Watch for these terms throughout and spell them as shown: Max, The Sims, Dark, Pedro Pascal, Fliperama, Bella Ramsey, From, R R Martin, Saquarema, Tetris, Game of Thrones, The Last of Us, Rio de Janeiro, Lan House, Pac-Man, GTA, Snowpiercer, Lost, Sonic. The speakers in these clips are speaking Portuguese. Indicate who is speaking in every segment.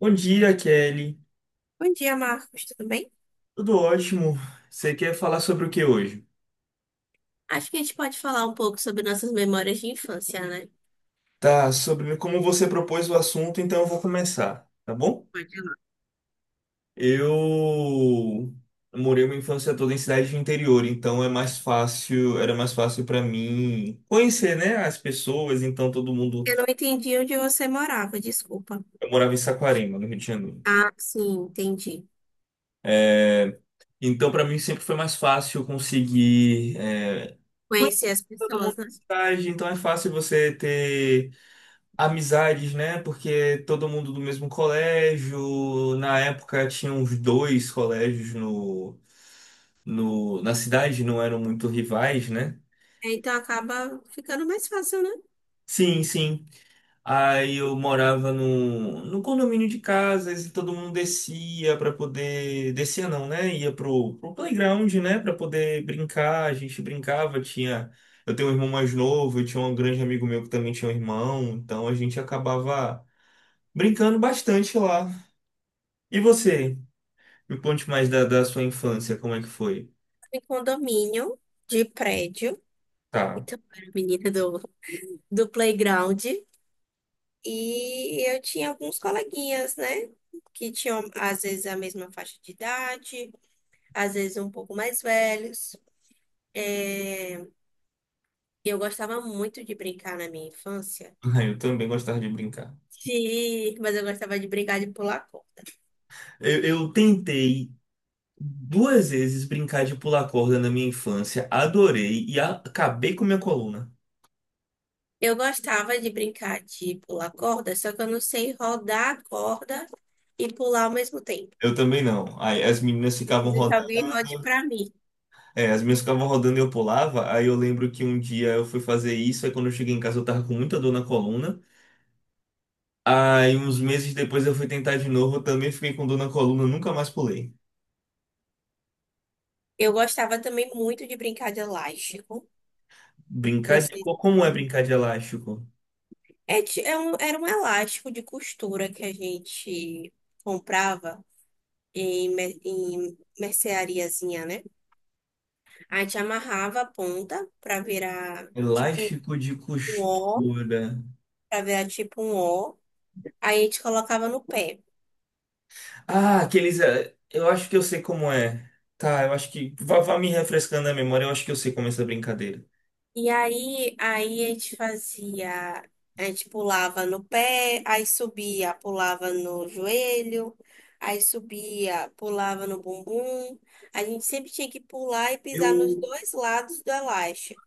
Speaker 1: Bom dia, Kelly.
Speaker 2: Bom dia, Marcos, tudo bem?
Speaker 1: Tudo ótimo. Você quer falar sobre o que hoje?
Speaker 2: Acho que a gente pode falar um pouco sobre nossas memórias de infância, né?
Speaker 1: Tá, sobre como você propôs o assunto, então eu vou começar, tá bom?
Speaker 2: Pode ir lá.
Speaker 1: Eu morei uma infância toda em cidade de interior, então era mais fácil para mim conhecer, né, as pessoas, então todo mundo,
Speaker 2: Eu não entendi onde você morava, desculpa.
Speaker 1: eu morava em Saquarema, no Rio de Janeiro.
Speaker 2: Ah, sim, entendi.
Speaker 1: É, então para mim sempre foi mais fácil conseguir conhecer
Speaker 2: Conhecer as
Speaker 1: todo mundo
Speaker 2: pessoas,
Speaker 1: da
Speaker 2: né?
Speaker 1: cidade, então é fácil você ter amizades, né? Porque todo mundo do mesmo colégio. Na época tinha uns dois colégios no, na cidade, não eram muito rivais, né?
Speaker 2: É, então acaba ficando mais fácil, né?
Speaker 1: Sim, sim. Aí eu morava no condomínio de casas e todo mundo descia para poder. Descia não, né? Ia pro playground, né? Para poder brincar. A gente brincava, tinha. Eu tenho um irmão mais novo, eu tinha um grande amigo meu que também tinha um irmão, então a gente acabava brincando bastante lá. E você? Me conte mais da sua infância, como é que foi?
Speaker 2: Em condomínio, de prédio.
Speaker 1: Tá.
Speaker 2: Então, eu era menina do playground. E eu tinha alguns coleguinhas, né? Que tinham, às vezes, a mesma faixa de idade, às vezes um pouco mais velhos. É, e eu gostava muito de brincar na minha infância.
Speaker 1: Eu também gostava de brincar.
Speaker 2: Sim, mas eu gostava de brincar de pular corda.
Speaker 1: Eu tentei duas vezes brincar de pular corda na minha infância, adorei e acabei com minha coluna.
Speaker 2: Eu gostava de brincar de pular corda, só que eu não sei rodar a corda e pular ao mesmo tempo.
Speaker 1: Eu também não. Aí as meninas ficavam
Speaker 2: Preciso que
Speaker 1: rodando.
Speaker 2: alguém rode pra mim.
Speaker 1: É, as minhas ficavam rodando e eu pulava. Aí eu lembro que um dia eu fui fazer isso. Aí quando eu cheguei em casa eu tava com muita dor na coluna. Aí uns meses depois eu fui tentar de novo. Eu também fiquei com dor na coluna. Nunca mais pulei.
Speaker 2: Eu gostava também muito de brincar de elástico. Não
Speaker 1: Brincar de.
Speaker 2: sei se
Speaker 1: Como é brincar de elástico?
Speaker 2: é, era um elástico de costura que a gente comprava em merceariazinha, né? A gente amarrava a ponta para virar tipo
Speaker 1: Elástico de
Speaker 2: um O,
Speaker 1: costura.
Speaker 2: pra virar tipo um O. Aí a gente colocava no pé.
Speaker 1: Ah, aqueles. Eu acho que eu sei como é. Tá, eu acho que. Vá, vá me refrescando a memória, eu acho que eu sei como é essa brincadeira.
Speaker 2: E aí, a gente fazia, a gente pulava no pé, aí subia, pulava no joelho, aí subia, pulava no bumbum. A gente sempre tinha que pular e pisar nos
Speaker 1: Eu,
Speaker 2: dois lados do elástico.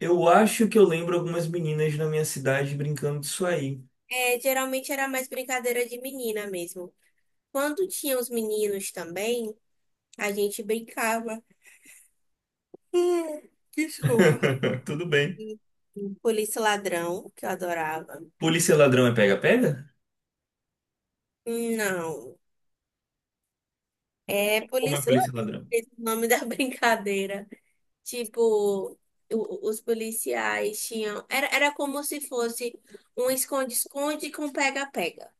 Speaker 1: eu acho que eu lembro algumas meninas na minha cidade brincando disso aí.
Speaker 2: É, geralmente era mais brincadeira de menina mesmo. Quando tinha os meninos também, a gente brincava. Hum, Desculpa.
Speaker 1: Tudo bem.
Speaker 2: Polícia Ladrão, que eu adorava.
Speaker 1: Polícia e ladrão é pega-pega?
Speaker 2: Não, é
Speaker 1: Como é
Speaker 2: Polícia
Speaker 1: polícia e
Speaker 2: Ladrão,
Speaker 1: ladrão?
Speaker 2: esse é o nome da brincadeira. Tipo, os policiais tinham. Era, era como se fosse um esconde-esconde com pega-pega.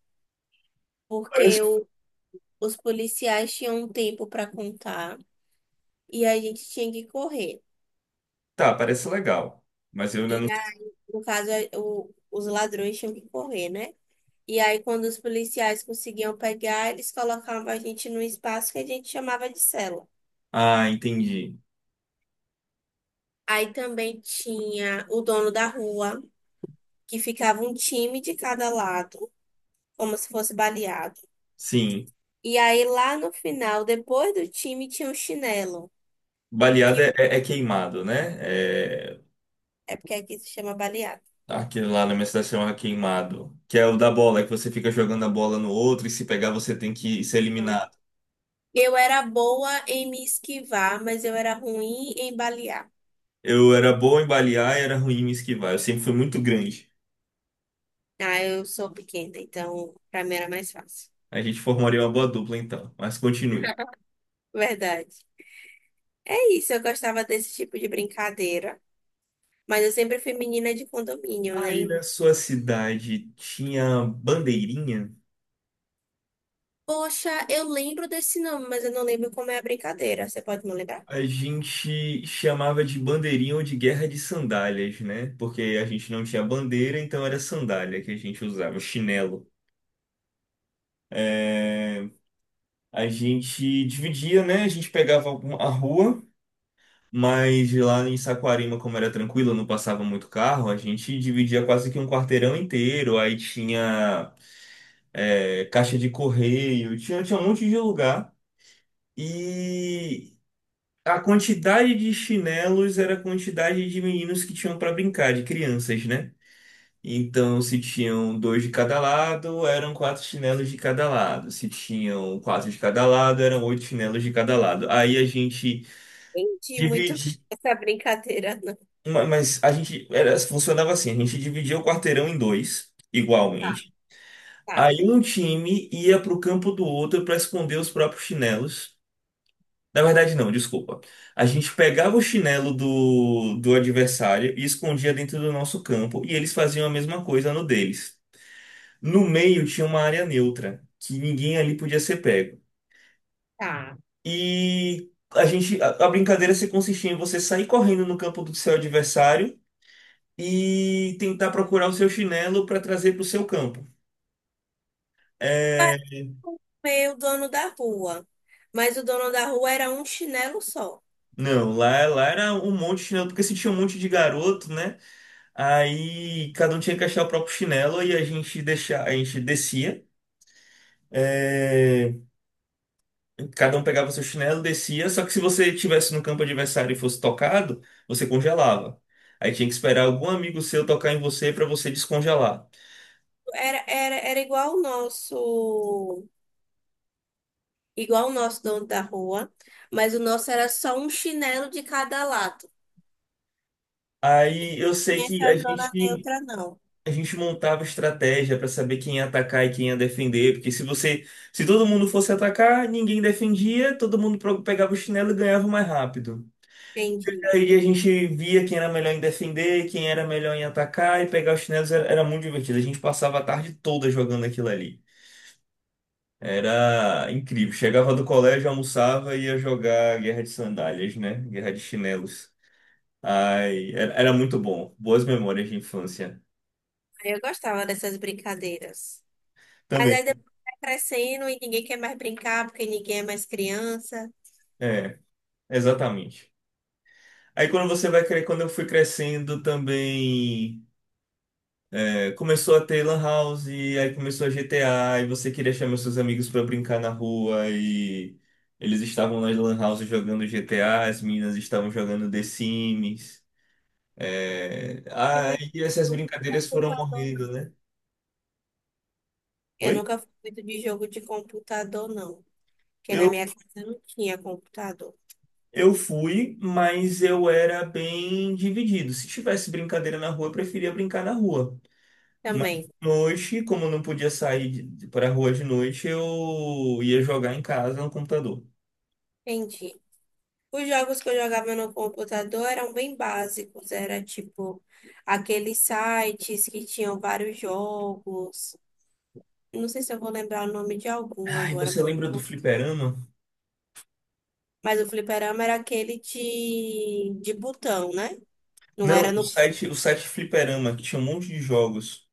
Speaker 1: Parece.
Speaker 2: Porque os policiais tinham um tempo para contar e a gente tinha que correr.
Speaker 1: Tá, parece legal. Mas eu ainda não
Speaker 2: E,
Speaker 1: sei.
Speaker 2: a- no caso, os ladrões tinham que correr, né? E aí, quando os policiais conseguiam pegar, eles colocavam a gente num espaço que a gente chamava de cela.
Speaker 1: Ah, entendi.
Speaker 2: Aí também tinha o dono da rua, que ficava um time de cada lado, como se fosse baleado.
Speaker 1: Sim.
Speaker 2: E aí, lá no final, depois do time, tinha o chinelo,
Speaker 1: Baleada
Speaker 2: que
Speaker 1: é queimado, né? É,
Speaker 2: é porque aqui se chama baleado.
Speaker 1: aquele lá na minha cidade chama queimado, que é o da bola, que você fica jogando a bola no outro e se pegar você tem que ser
Speaker 2: Então,
Speaker 1: eliminado.
Speaker 2: eu era boa em me esquivar, mas eu era ruim em balear.
Speaker 1: Eu era bom em balear e era ruim em esquivar. Eu sempre fui muito grande.
Speaker 2: Ah, eu sou pequena, então pra mim era mais fácil.
Speaker 1: A gente formaria uma boa dupla então, mas continue.
Speaker 2: Verdade. É isso, eu gostava desse tipo de brincadeira. Mas eu sempre fui menina de condomínio,
Speaker 1: Aí
Speaker 2: né?
Speaker 1: na sua cidade tinha bandeirinha?
Speaker 2: Poxa, eu lembro desse nome, mas eu não lembro como é a brincadeira. Você pode me lembrar?
Speaker 1: A gente chamava de bandeirinha ou de guerra de sandálias, né? Porque a gente não tinha bandeira, então era sandália que a gente usava, chinelo. É, a gente dividia, né? A gente pegava a rua. Mas lá em Saquarema, como era tranquilo, não passava muito carro, a gente dividia quase que um quarteirão inteiro. Aí tinha caixa de correio, tinha um monte de lugar. E a quantidade de chinelos era a quantidade de meninos que tinham para brincar, de crianças, né? Então, se tinham dois de cada lado, eram quatro chinelos de cada lado. Se tinham quatro de cada lado, eram oito chinelos de cada lado. Aí a gente
Speaker 2: Entendi muito
Speaker 1: dividia.
Speaker 2: essa brincadeira, não.
Speaker 1: Ma- Mas a gente funcionava assim, a gente dividia o quarteirão em dois,
Speaker 2: Tá,
Speaker 1: igualmente.
Speaker 2: tá,
Speaker 1: Aí um time ia pro campo do outro para esconder os próprios chinelos. Na verdade, não, desculpa. A gente pegava o chinelo do adversário e escondia dentro do nosso campo, e eles faziam a mesma coisa no deles. No meio tinha uma área neutra, que ninguém ali podia ser pego.
Speaker 2: tá.
Speaker 1: E a brincadeira se consistia em você sair correndo no campo do seu adversário e tentar procurar o seu chinelo para trazer para o seu campo.
Speaker 2: Pra
Speaker 1: É,
Speaker 2: comer o dono da rua. Mas o dono da rua era um chinelo só.
Speaker 1: não, lá era um monte de chinelo, porque se tinha um monte de garoto, né? Aí cada um tinha que achar o próprio chinelo e a gente descia. é, Cada um pegava seu chinelo, descia. Só que se você estivesse no campo adversário e fosse tocado, você congelava. Aí tinha que esperar algum amigo seu tocar em você para você descongelar.
Speaker 2: Era, era, era igual o nosso dono da rua, mas o nosso era só um chinelo de cada lado.
Speaker 1: Aí eu sei
Speaker 2: E
Speaker 1: que
Speaker 2: essa
Speaker 1: a
Speaker 2: zona
Speaker 1: gente.
Speaker 2: neutra não.
Speaker 1: A gente montava estratégia para saber quem ia atacar e quem ia defender, porque se todo mundo fosse atacar, ninguém defendia, todo mundo pegava o chinelo e ganhava mais rápido.
Speaker 2: Entendi.
Speaker 1: Aí a gente via quem era melhor em defender, quem era melhor em atacar e pegar os chinelos era muito divertido. A gente passava a tarde toda jogando aquilo ali. Era incrível. Chegava do colégio, almoçava e ia jogar Guerra de Sandálias, né? Guerra de Chinelos. Ai, era muito bom. Boas memórias de infância.
Speaker 2: Aí eu gostava dessas brincadeiras. Mas
Speaker 1: Também,
Speaker 2: aí depois vai crescendo e ninguém quer mais brincar porque ninguém é mais criança.
Speaker 1: é, exatamente. Aí quando você vai crer, quando eu fui crescendo também, começou a ter Lan House, e aí começou a GTA, e você queria chamar seus amigos pra brincar na rua, e eles estavam nas Lan House jogando GTA, as meninas estavam jogando The Sims. É...
Speaker 2: Eu muito
Speaker 1: Aí essas
Speaker 2: jogo de
Speaker 1: brincadeiras foram
Speaker 2: computador,
Speaker 1: morrendo,
Speaker 2: não.
Speaker 1: né?
Speaker 2: Eu
Speaker 1: Oi?
Speaker 2: nunca fui muito de jogo de computador, não. Porque na
Speaker 1: Eu,
Speaker 2: minha casa não tinha computador.
Speaker 1: eu fui, mas eu era bem dividido. Se tivesse brincadeira na rua, eu preferia brincar na rua. Mas de
Speaker 2: Também.
Speaker 1: noite, como eu não podia sair para rua de noite, eu ia jogar em casa no computador.
Speaker 2: Entendi. Os jogos que eu jogava no computador eram bem básicos, era tipo aqueles sites que tinham vários jogos. Não sei se eu vou lembrar o nome de algum
Speaker 1: Ai,
Speaker 2: agora,
Speaker 1: você lembra do Fliperama?
Speaker 2: mas o fliperama era aquele de botão, né? Não
Speaker 1: Não,
Speaker 2: era no.
Speaker 1: o site Fliperama, que tinha um monte de jogos.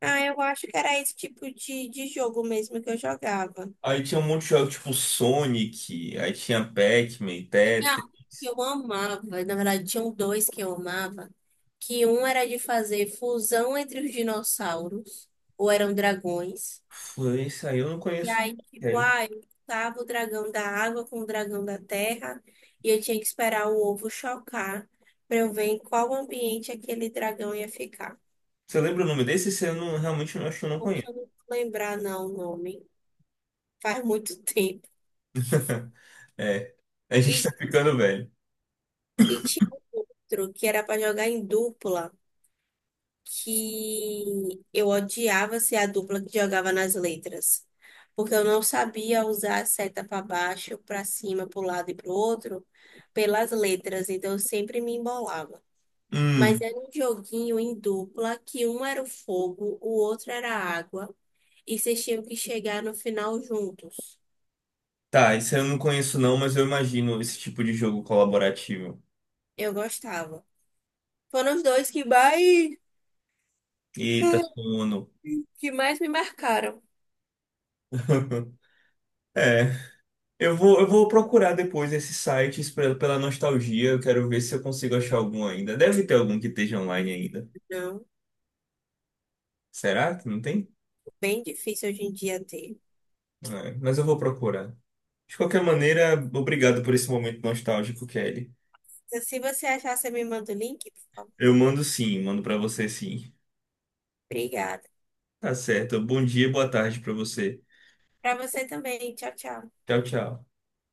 Speaker 2: Ah, eu acho que era esse tipo de jogo mesmo que eu jogava.
Speaker 1: Aí tinha um monte de jogos tipo Sonic, aí tinha Pac-Man,
Speaker 2: Tinha
Speaker 1: Tetris.
Speaker 2: um que eu amava, na verdade, tinham dois que eu amava, que um era de fazer fusão entre os dinossauros, ou eram dragões.
Speaker 1: Foi isso aí, eu não
Speaker 2: E
Speaker 1: conheço.
Speaker 2: aí, tipo,
Speaker 1: É.
Speaker 2: ah, eu juntava o dragão da água com o dragão da terra e eu tinha que esperar o ovo chocar para eu ver em qual ambiente aquele dragão ia ficar.
Speaker 1: Você lembra o nome desse? Esse eu não, realmente não acho que eu não
Speaker 2: Poxa,
Speaker 1: conheço.
Speaker 2: eu não vou lembrar não o nome. Faz muito tempo.
Speaker 1: É, a gente
Speaker 2: E,
Speaker 1: tá ficando velho.
Speaker 2: e tinha um outro que era para jogar em dupla, que eu odiava ser a dupla que jogava nas letras. Porque eu não sabia usar a seta para baixo, para cima, para o lado e para o outro, pelas letras. Então eu sempre me embolava. Mas
Speaker 1: Hum,
Speaker 2: era um joguinho em dupla, que um era o fogo, o outro era a água, e vocês tinham que chegar no final juntos.
Speaker 1: tá, isso eu não conheço não, mas eu imagino esse tipo de jogo colaborativo.
Speaker 2: Eu gostava. Foram os dois
Speaker 1: Eita, sono.
Speaker 2: que mais me marcaram.
Speaker 1: É, eu vou procurar depois esses sites pela nostalgia. Eu quero ver se eu consigo achar algum ainda. Deve ter algum que esteja online ainda.
Speaker 2: Não,
Speaker 1: Será que não tem?
Speaker 2: bem difícil hoje em dia ter.
Speaker 1: É, mas eu vou procurar. De qualquer maneira, obrigado por esse momento nostálgico, Kelly.
Speaker 2: Então, se você achar, você me manda o link, por favor.
Speaker 1: Eu mando sim, mando pra você sim.
Speaker 2: Obrigada.
Speaker 1: Tá certo. Bom dia e boa tarde pra você.
Speaker 2: Para você também. Tchau, tchau.
Speaker 1: Tchau, tchau.